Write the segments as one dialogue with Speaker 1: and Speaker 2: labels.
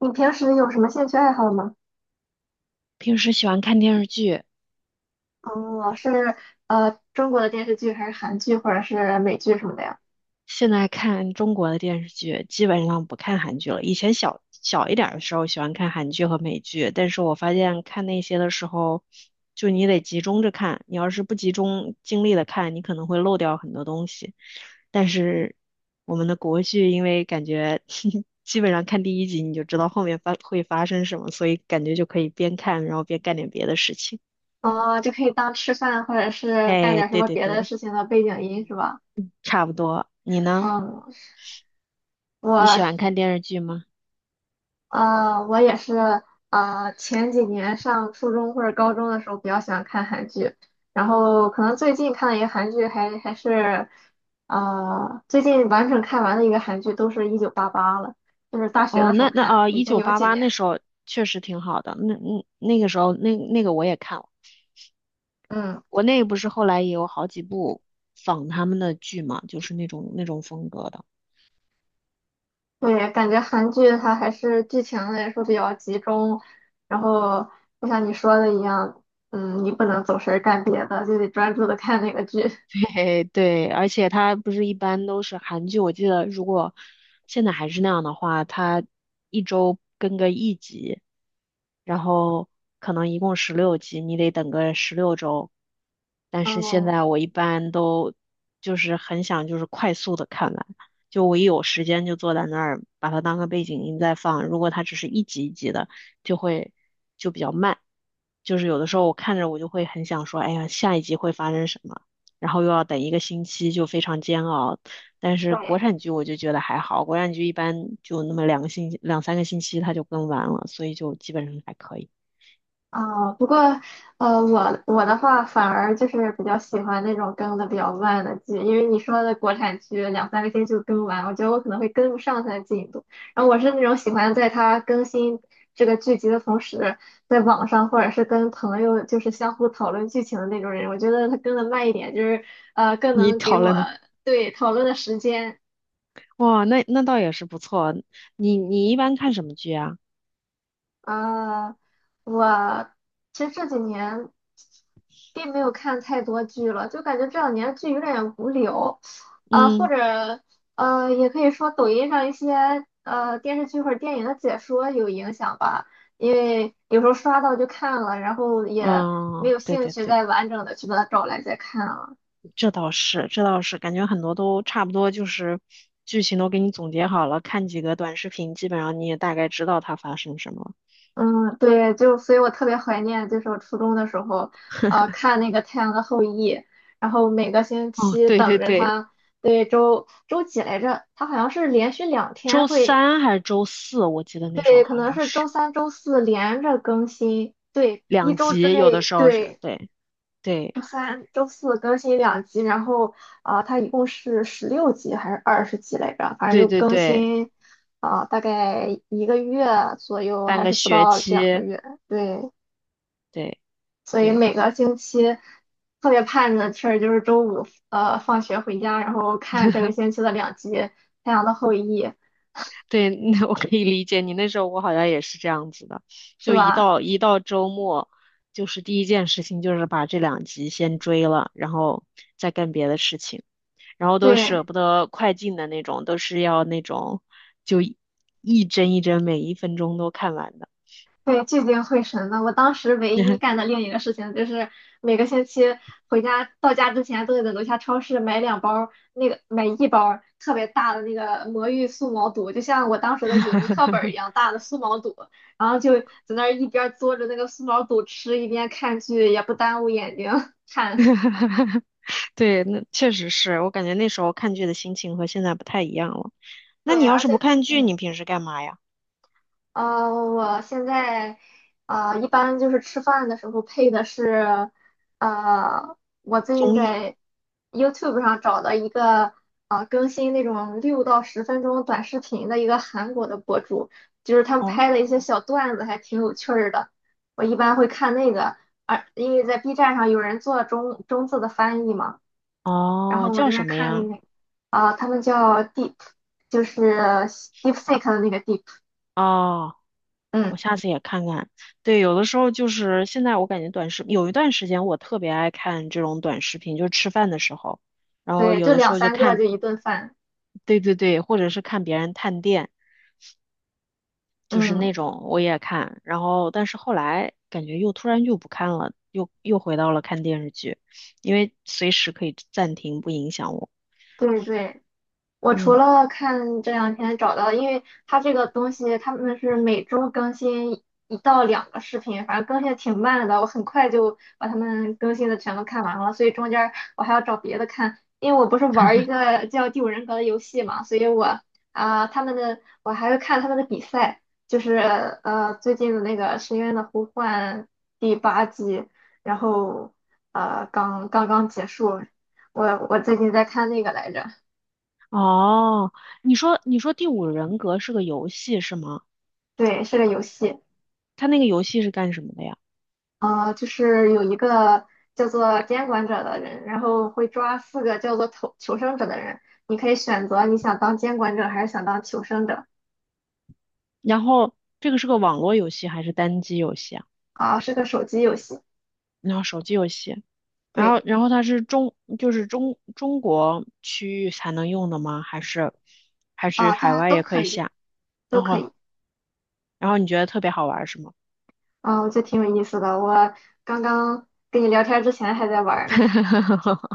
Speaker 1: 你平时有什么兴趣爱好吗？
Speaker 2: 平时喜欢看电视剧，
Speaker 1: 哦，是。中国的电视剧还是韩剧或者是美剧什么的呀？
Speaker 2: 现在看中国的电视剧，基本上不看韩剧了。以前小小一点儿的时候喜欢看韩剧和美剧，但是我发现看那些的时候，就你得集中着看，你要是不集中精力的看，你可能会漏掉很多东西。但是我们的国剧，因为感觉 基本上看第一集你就知道后面会发生什么，所以感觉就可以边看然后边干点别的事情。
Speaker 1: 哦，就可以当吃饭或者是干
Speaker 2: 哎，
Speaker 1: 点什
Speaker 2: 对
Speaker 1: 么
Speaker 2: 对
Speaker 1: 别的
Speaker 2: 对，
Speaker 1: 事情的背景音是吧？
Speaker 2: 差不多。你呢？
Speaker 1: 嗯，
Speaker 2: 你喜欢
Speaker 1: 我
Speaker 2: 看电视剧吗？
Speaker 1: 我也是，前几年上初中或者高中的时候比较喜欢看韩剧，然后可能最近看的一个韩剧还是，最近完整看完的一个韩剧都是1988了，就是大学
Speaker 2: 哦，
Speaker 1: 的时候
Speaker 2: 那那
Speaker 1: 看，
Speaker 2: 啊，
Speaker 1: 已
Speaker 2: 一
Speaker 1: 经
Speaker 2: 九
Speaker 1: 有
Speaker 2: 八
Speaker 1: 几
Speaker 2: 八那
Speaker 1: 年。
Speaker 2: 时候确实挺好的，那个时候那个我也看了，
Speaker 1: 嗯。
Speaker 2: 我那个不是后来也有好几部仿他们的剧嘛，就是那种风格的。
Speaker 1: 对，感觉韩剧它还是剧情来说比较集中，然后就像你说的一样，你不能走神儿干别的，就得专注的看那个剧。
Speaker 2: 对 对，而且它不是一般都是韩剧，我记得如果现在还是那样的话，它一周更个一集，然后可能一共16集，你得等个16周。但是现
Speaker 1: 嗯，
Speaker 2: 在我一般都就是很想就是快速的看完，就我一有时间就坐在那儿把它当个背景音在放。如果它只是一集一集的，就会就比较慢，就是有的时候我看着我就会很想说，哎呀，下一集会发生什么。然后又要等一个星期，就非常煎熬。但是
Speaker 1: 对。
Speaker 2: 国产剧我就觉得还好，国产剧一般就那么2个星期2、3个星期它就更完了，所以就基本上还可以。
Speaker 1: 啊，不过，我的话反而就是比较喜欢那种更的比较慢的剧，因为你说的国产剧两三个星期就更完，我觉得我可能会跟不上它的进度。然后我是那种喜欢在它更新这个剧集的同时，在网上或者是跟朋友就是相互讨论剧情的那种人。我觉得它更的慢一点，就是更
Speaker 2: 你
Speaker 1: 能给
Speaker 2: 讨
Speaker 1: 我，
Speaker 2: 论的，
Speaker 1: 对，讨论的时间。
Speaker 2: 哇，那倒也是不错。你一般看什么剧啊？
Speaker 1: 呃，我其实这几年并没有看太多剧了，就感觉这两年剧有点无聊。啊、或
Speaker 2: 嗯
Speaker 1: 者也可以说抖音上一些电视剧或者电影的解说有影响吧，因为有时候刷到就看了，然后也没
Speaker 2: 嗯，
Speaker 1: 有
Speaker 2: 对
Speaker 1: 兴
Speaker 2: 对
Speaker 1: 趣
Speaker 2: 对，
Speaker 1: 再完整的去把它找来再看了。
Speaker 2: 这倒是，这倒是，感觉很多都差不多，就是剧情都给你总结好了，看几个短视频，基本上你也大概知道它发生什么了。
Speaker 1: 嗯，对，就所以我特别怀念，就是我初中的时候，看那个《太阳的后裔》，然后每个星
Speaker 2: 哦，
Speaker 1: 期
Speaker 2: 对对
Speaker 1: 等着
Speaker 2: 对，
Speaker 1: 它。对，周几来着？它好像是连续两天
Speaker 2: 周
Speaker 1: 会。
Speaker 2: 三还是周四，我记得那时候
Speaker 1: 对，可
Speaker 2: 好
Speaker 1: 能
Speaker 2: 像
Speaker 1: 是周
Speaker 2: 是。
Speaker 1: 三、周四连着更新，对，一
Speaker 2: 两
Speaker 1: 周之
Speaker 2: 集有的
Speaker 1: 内，
Speaker 2: 时候是
Speaker 1: 对，
Speaker 2: 对对
Speaker 1: 周三、周四更新两集，然后，它一共是16集还是20集来着？反正
Speaker 2: 对
Speaker 1: 就
Speaker 2: 对
Speaker 1: 更
Speaker 2: 对，
Speaker 1: 新，大概一个月左右，
Speaker 2: 半
Speaker 1: 还
Speaker 2: 个
Speaker 1: 是不
Speaker 2: 学
Speaker 1: 到两个
Speaker 2: 期，
Speaker 1: 月，对。
Speaker 2: 对
Speaker 1: 所以
Speaker 2: 对
Speaker 1: 每个星期特别盼的事儿就是周五放学回家，然后看这个星期的两集《太阳的后裔》，
Speaker 2: 对，那我可以理解你。那时候我好像也是这样子的，
Speaker 1: 是
Speaker 2: 就一
Speaker 1: 吧？
Speaker 2: 到一到周末，就是第一件事情就是把这两集先追了，然后再干别的事情，然后都
Speaker 1: 对
Speaker 2: 舍不得快进的那种，都是要那种就一帧一帧每一分钟都看完的。
Speaker 1: 对，聚精会神的。我当时唯一干的另一个事情就是每个星期回家到家之前都得在楼下超市买一包儿特别大的那个魔芋素毛肚，就像我当时的语文课本儿一样大的素毛肚，然后就在那儿一边儿嘬着那个素毛肚吃，一边看剧，也不耽误眼睛 看。
Speaker 2: 对，那确实是我感觉那时候看剧的心情和现在不太一样了。那你
Speaker 1: 对，
Speaker 2: 要
Speaker 1: 而
Speaker 2: 是
Speaker 1: 且，
Speaker 2: 不看剧，你
Speaker 1: 嗯，
Speaker 2: 平时干嘛呀？
Speaker 1: 我现在，一般就是吃饭的时候配的是，呃，我最近
Speaker 2: 综艺？
Speaker 1: 在 YouTube 上找的一个，更新那种6到10分钟短视频的一个韩国的博主，就是他们
Speaker 2: 哦
Speaker 1: 拍的一些小段子，还挺有趣儿的。我一般会看那个，而因为在 B 站上有人做中字的翻译嘛，然
Speaker 2: 哦，
Speaker 1: 后我
Speaker 2: 叫
Speaker 1: 就会
Speaker 2: 什么呀？
Speaker 1: 看那个，他们叫 Deep，就是 DeepSeek 的那个 Deep。
Speaker 2: 哦，
Speaker 1: 嗯，
Speaker 2: 我下次也看看。对，有的时候就是现在，我感觉短视，有一段时间我特别爱看这种短视频，就是吃饭的时候，然后
Speaker 1: 对，
Speaker 2: 有
Speaker 1: 就
Speaker 2: 的时
Speaker 1: 两
Speaker 2: 候就
Speaker 1: 三个
Speaker 2: 看，
Speaker 1: 就一顿饭，
Speaker 2: 对对对，或者是看别人探店，就是
Speaker 1: 嗯，
Speaker 2: 那种我也看。然后，但是后来感觉又突然就不看了，又回到了看电视剧，因为随时可以暂停，不影响我。
Speaker 1: 对对。我除
Speaker 2: 嗯。
Speaker 1: 了看这两天找到，因为它这个东西他们是每周更新一到两个视频，反正更新的挺慢的，我很快就把他们更新的全都看完了，所以中间儿我还要找别的看，因为我不是玩儿一个叫《第五人格》的游戏嘛，所以我还会看他们的比赛，就是最近的那个《深渊的呼唤》第八季，然后刚刚结束，我我最近在看那个来着。
Speaker 2: 哦，你说《第五人格》是个游戏是吗？
Speaker 1: 对，是个游戏。
Speaker 2: 它那个游戏是干什么的呀？
Speaker 1: 就是有一个叫做监管者的人，然后会抓四个叫做求生者的人，你可以选择你想当监管者还是想当求生者
Speaker 2: 然后这个是个网络游戏还是单机游戏啊？
Speaker 1: 啊。是个手机游戏，
Speaker 2: 然后手机游戏，然
Speaker 1: 对。
Speaker 2: 后然后它是中就是中中国区域才能用的吗？还是
Speaker 1: 啊，
Speaker 2: 海
Speaker 1: 它
Speaker 2: 外
Speaker 1: 都
Speaker 2: 也可
Speaker 1: 可
Speaker 2: 以
Speaker 1: 以，
Speaker 2: 下？
Speaker 1: 都
Speaker 2: 然
Speaker 1: 可
Speaker 2: 后
Speaker 1: 以。
Speaker 2: 然后你觉得特别好玩是吗？
Speaker 1: 啊，我觉得挺有意思的，我刚刚跟你聊天之前还在玩儿呢。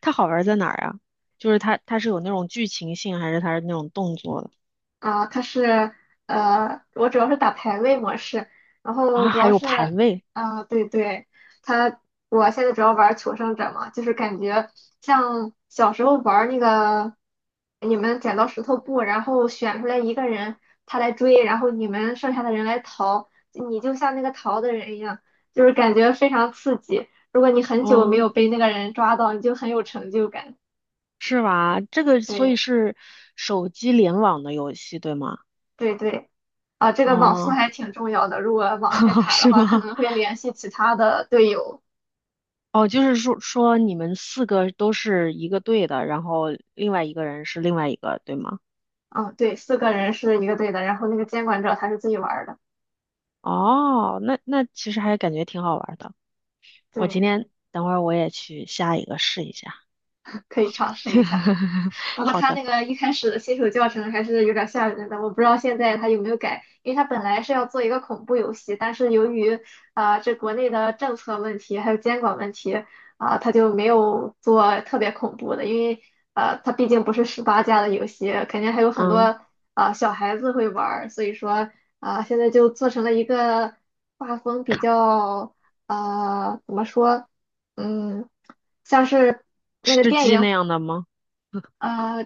Speaker 2: 它好玩在哪儿啊？就是它是有那种剧情性还是它是那种动作的
Speaker 1: 啊，我主要是打排位模式，然后
Speaker 2: 啊？
Speaker 1: 主
Speaker 2: 还
Speaker 1: 要
Speaker 2: 有排
Speaker 1: 是。
Speaker 2: 位
Speaker 1: 对对，它我现在主要玩求生者嘛，就是感觉像小时候玩那个你们剪刀石头布，然后选出来一个人，他来追，然后你们剩下的人来逃，你就像那个逃的人一样，就是感觉非常刺激。如果你很久没有
Speaker 2: 哦。
Speaker 1: 被那个人抓到，你就很有成就感。
Speaker 2: 是吧？这个所以
Speaker 1: 对
Speaker 2: 是手机联网的游戏，对吗？
Speaker 1: 对对。啊，这个网速
Speaker 2: 哦，
Speaker 1: 还挺重要的。如果网太 卡的
Speaker 2: 是
Speaker 1: 话，可
Speaker 2: 吗？
Speaker 1: 能会联系其他的队友。
Speaker 2: 哦，就是说你们四个都是一个队的，然后另外一个人是另外一个，对吗？
Speaker 1: 嗯，对，四个人是一个队的，然后那个监管者他是自己玩儿的。
Speaker 2: 哦，那其实还感觉挺好玩的。我
Speaker 1: 对，
Speaker 2: 今天等会儿我也去下一个试一下。
Speaker 1: 可以尝试一下。不过
Speaker 2: 好
Speaker 1: 他
Speaker 2: 的，
Speaker 1: 那个一开始的新手教程还是有点吓人的，我不知道现在他有没有改，因为他本来是要做一个恐怖游戏，但是由于这国内的政策问题还有监管问题啊，他就没有做特别恐怖的，因为他毕竟不是18加的游戏，肯定还有很多
Speaker 2: 嗯，
Speaker 1: 小孩子会玩，所以说现在就做成了一个画风比较，怎么说，嗯像是那个
Speaker 2: 吃
Speaker 1: 电
Speaker 2: 鸡
Speaker 1: 影。
Speaker 2: 那样的吗？
Speaker 1: 呃，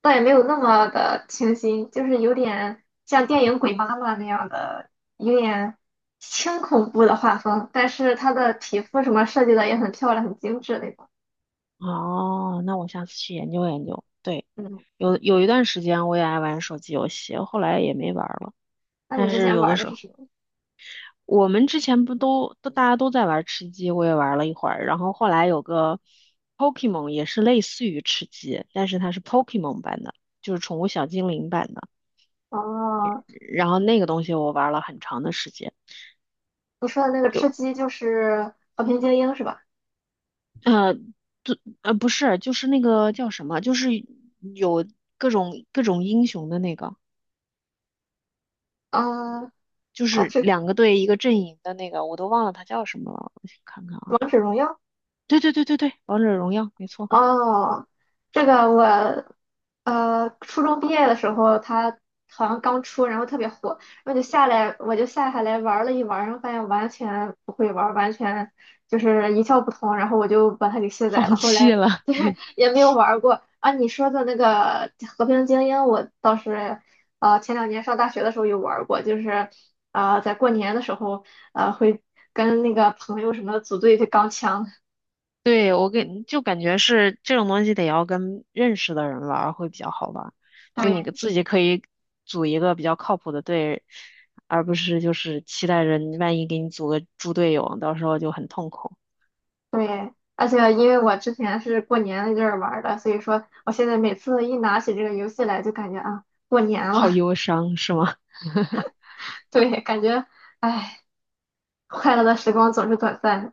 Speaker 1: 倒也没有那么的清新，就是有点像电影《鬼妈妈》那样的，有点轻恐怖的画风，但是她的皮肤什么设计的也很漂亮，很精致那种。
Speaker 2: 哦，那我下次去研究研究。对，
Speaker 1: 嗯，
Speaker 2: 有一段时间我也爱玩手机游戏，后来也没玩儿了。
Speaker 1: 那你
Speaker 2: 但
Speaker 1: 之
Speaker 2: 是
Speaker 1: 前
Speaker 2: 有的
Speaker 1: 玩的
Speaker 2: 时
Speaker 1: 是
Speaker 2: 候，
Speaker 1: 什么？
Speaker 2: 我们之前不都大家都在玩吃鸡，我也玩了一会儿，然后后来有个 Pokemon 也是类似于吃鸡，但是它是 Pokemon 版的，就是宠物小精灵版的。
Speaker 1: 哦，
Speaker 2: 然后那个东西我玩了很长的时间，
Speaker 1: 你说的那个吃
Speaker 2: 就
Speaker 1: 鸡就是《和平精英》是吧？
Speaker 2: 就不是，就是那个叫什么，就是有各种英雄的那个，
Speaker 1: 嗯，
Speaker 2: 就
Speaker 1: 啊，
Speaker 2: 是
Speaker 1: 这个
Speaker 2: 两个队一个阵营的那个，我都忘了它叫什么了，我去看看啊。
Speaker 1: 《王者荣耀》，
Speaker 2: 对对对对对，王者荣耀没错，
Speaker 1: 哦，这个我，初中毕业的时候，它好像刚出，然后特别火，然后就下来，我就下下来玩了一玩，然后发现完全不会玩，完全就是一窍不通，然后我就把它给卸
Speaker 2: 放
Speaker 1: 载了，后
Speaker 2: 弃
Speaker 1: 来
Speaker 2: 了，
Speaker 1: 对，
Speaker 2: 对。
Speaker 1: 也没有玩过。啊，你说的那个《和平精英》，我倒是前两年上大学的时候有玩过，就是在过年的时候会跟那个朋友什么的组队去钢枪。
Speaker 2: 对，就感觉是这种东西得要跟认识的人玩儿会比较好玩儿，就你个
Speaker 1: 对
Speaker 2: 自己可以组一个比较靠谱的队，而不是就是期待着你万一给你组个猪队友，到时候就很痛苦，
Speaker 1: 对，而且因为我之前是过年那阵儿玩儿的，所以说我现在每次一拿起这个游戏来，就感觉啊，过年
Speaker 2: 好
Speaker 1: 了。
Speaker 2: 忧伤，是吗？
Speaker 1: 对，感觉哎，快乐的时光总是短暂的。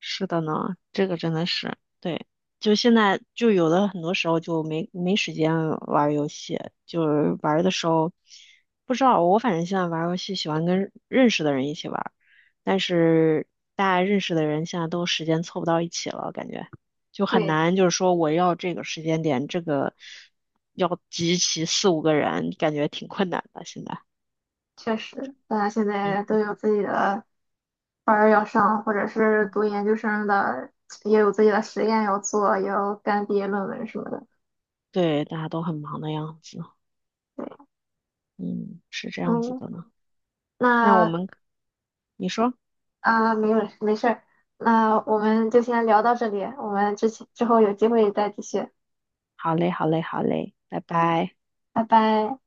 Speaker 2: 是的呢，这个真的是，对，就现在就有的很多时候就没时间玩儿游戏，就是玩儿的时候不知道，我反正现在玩儿游戏喜欢跟认识的人一起玩儿。但是大家认识的人现在都时间凑不到一起了，感觉就很
Speaker 1: 对，
Speaker 2: 难，就是说我要这个时间点，这个要集齐四五个人，感觉挺困难的现在。
Speaker 1: 确实，大家现在都
Speaker 2: 嗯，
Speaker 1: 有自己的班儿要上，或者是读研究生的，也有自己的实验要做，也要干毕业论文什么的。
Speaker 2: 对，大家都很忙的样子，
Speaker 1: 对，
Speaker 2: 嗯，是这样子
Speaker 1: 嗯，
Speaker 2: 的呢。那我
Speaker 1: 那
Speaker 2: 们，你说，
Speaker 1: 啊，没有，没事儿，那我们就先聊到这里，我们之后有机会再继续，
Speaker 2: 好嘞，好嘞，好嘞，拜拜。
Speaker 1: 拜拜。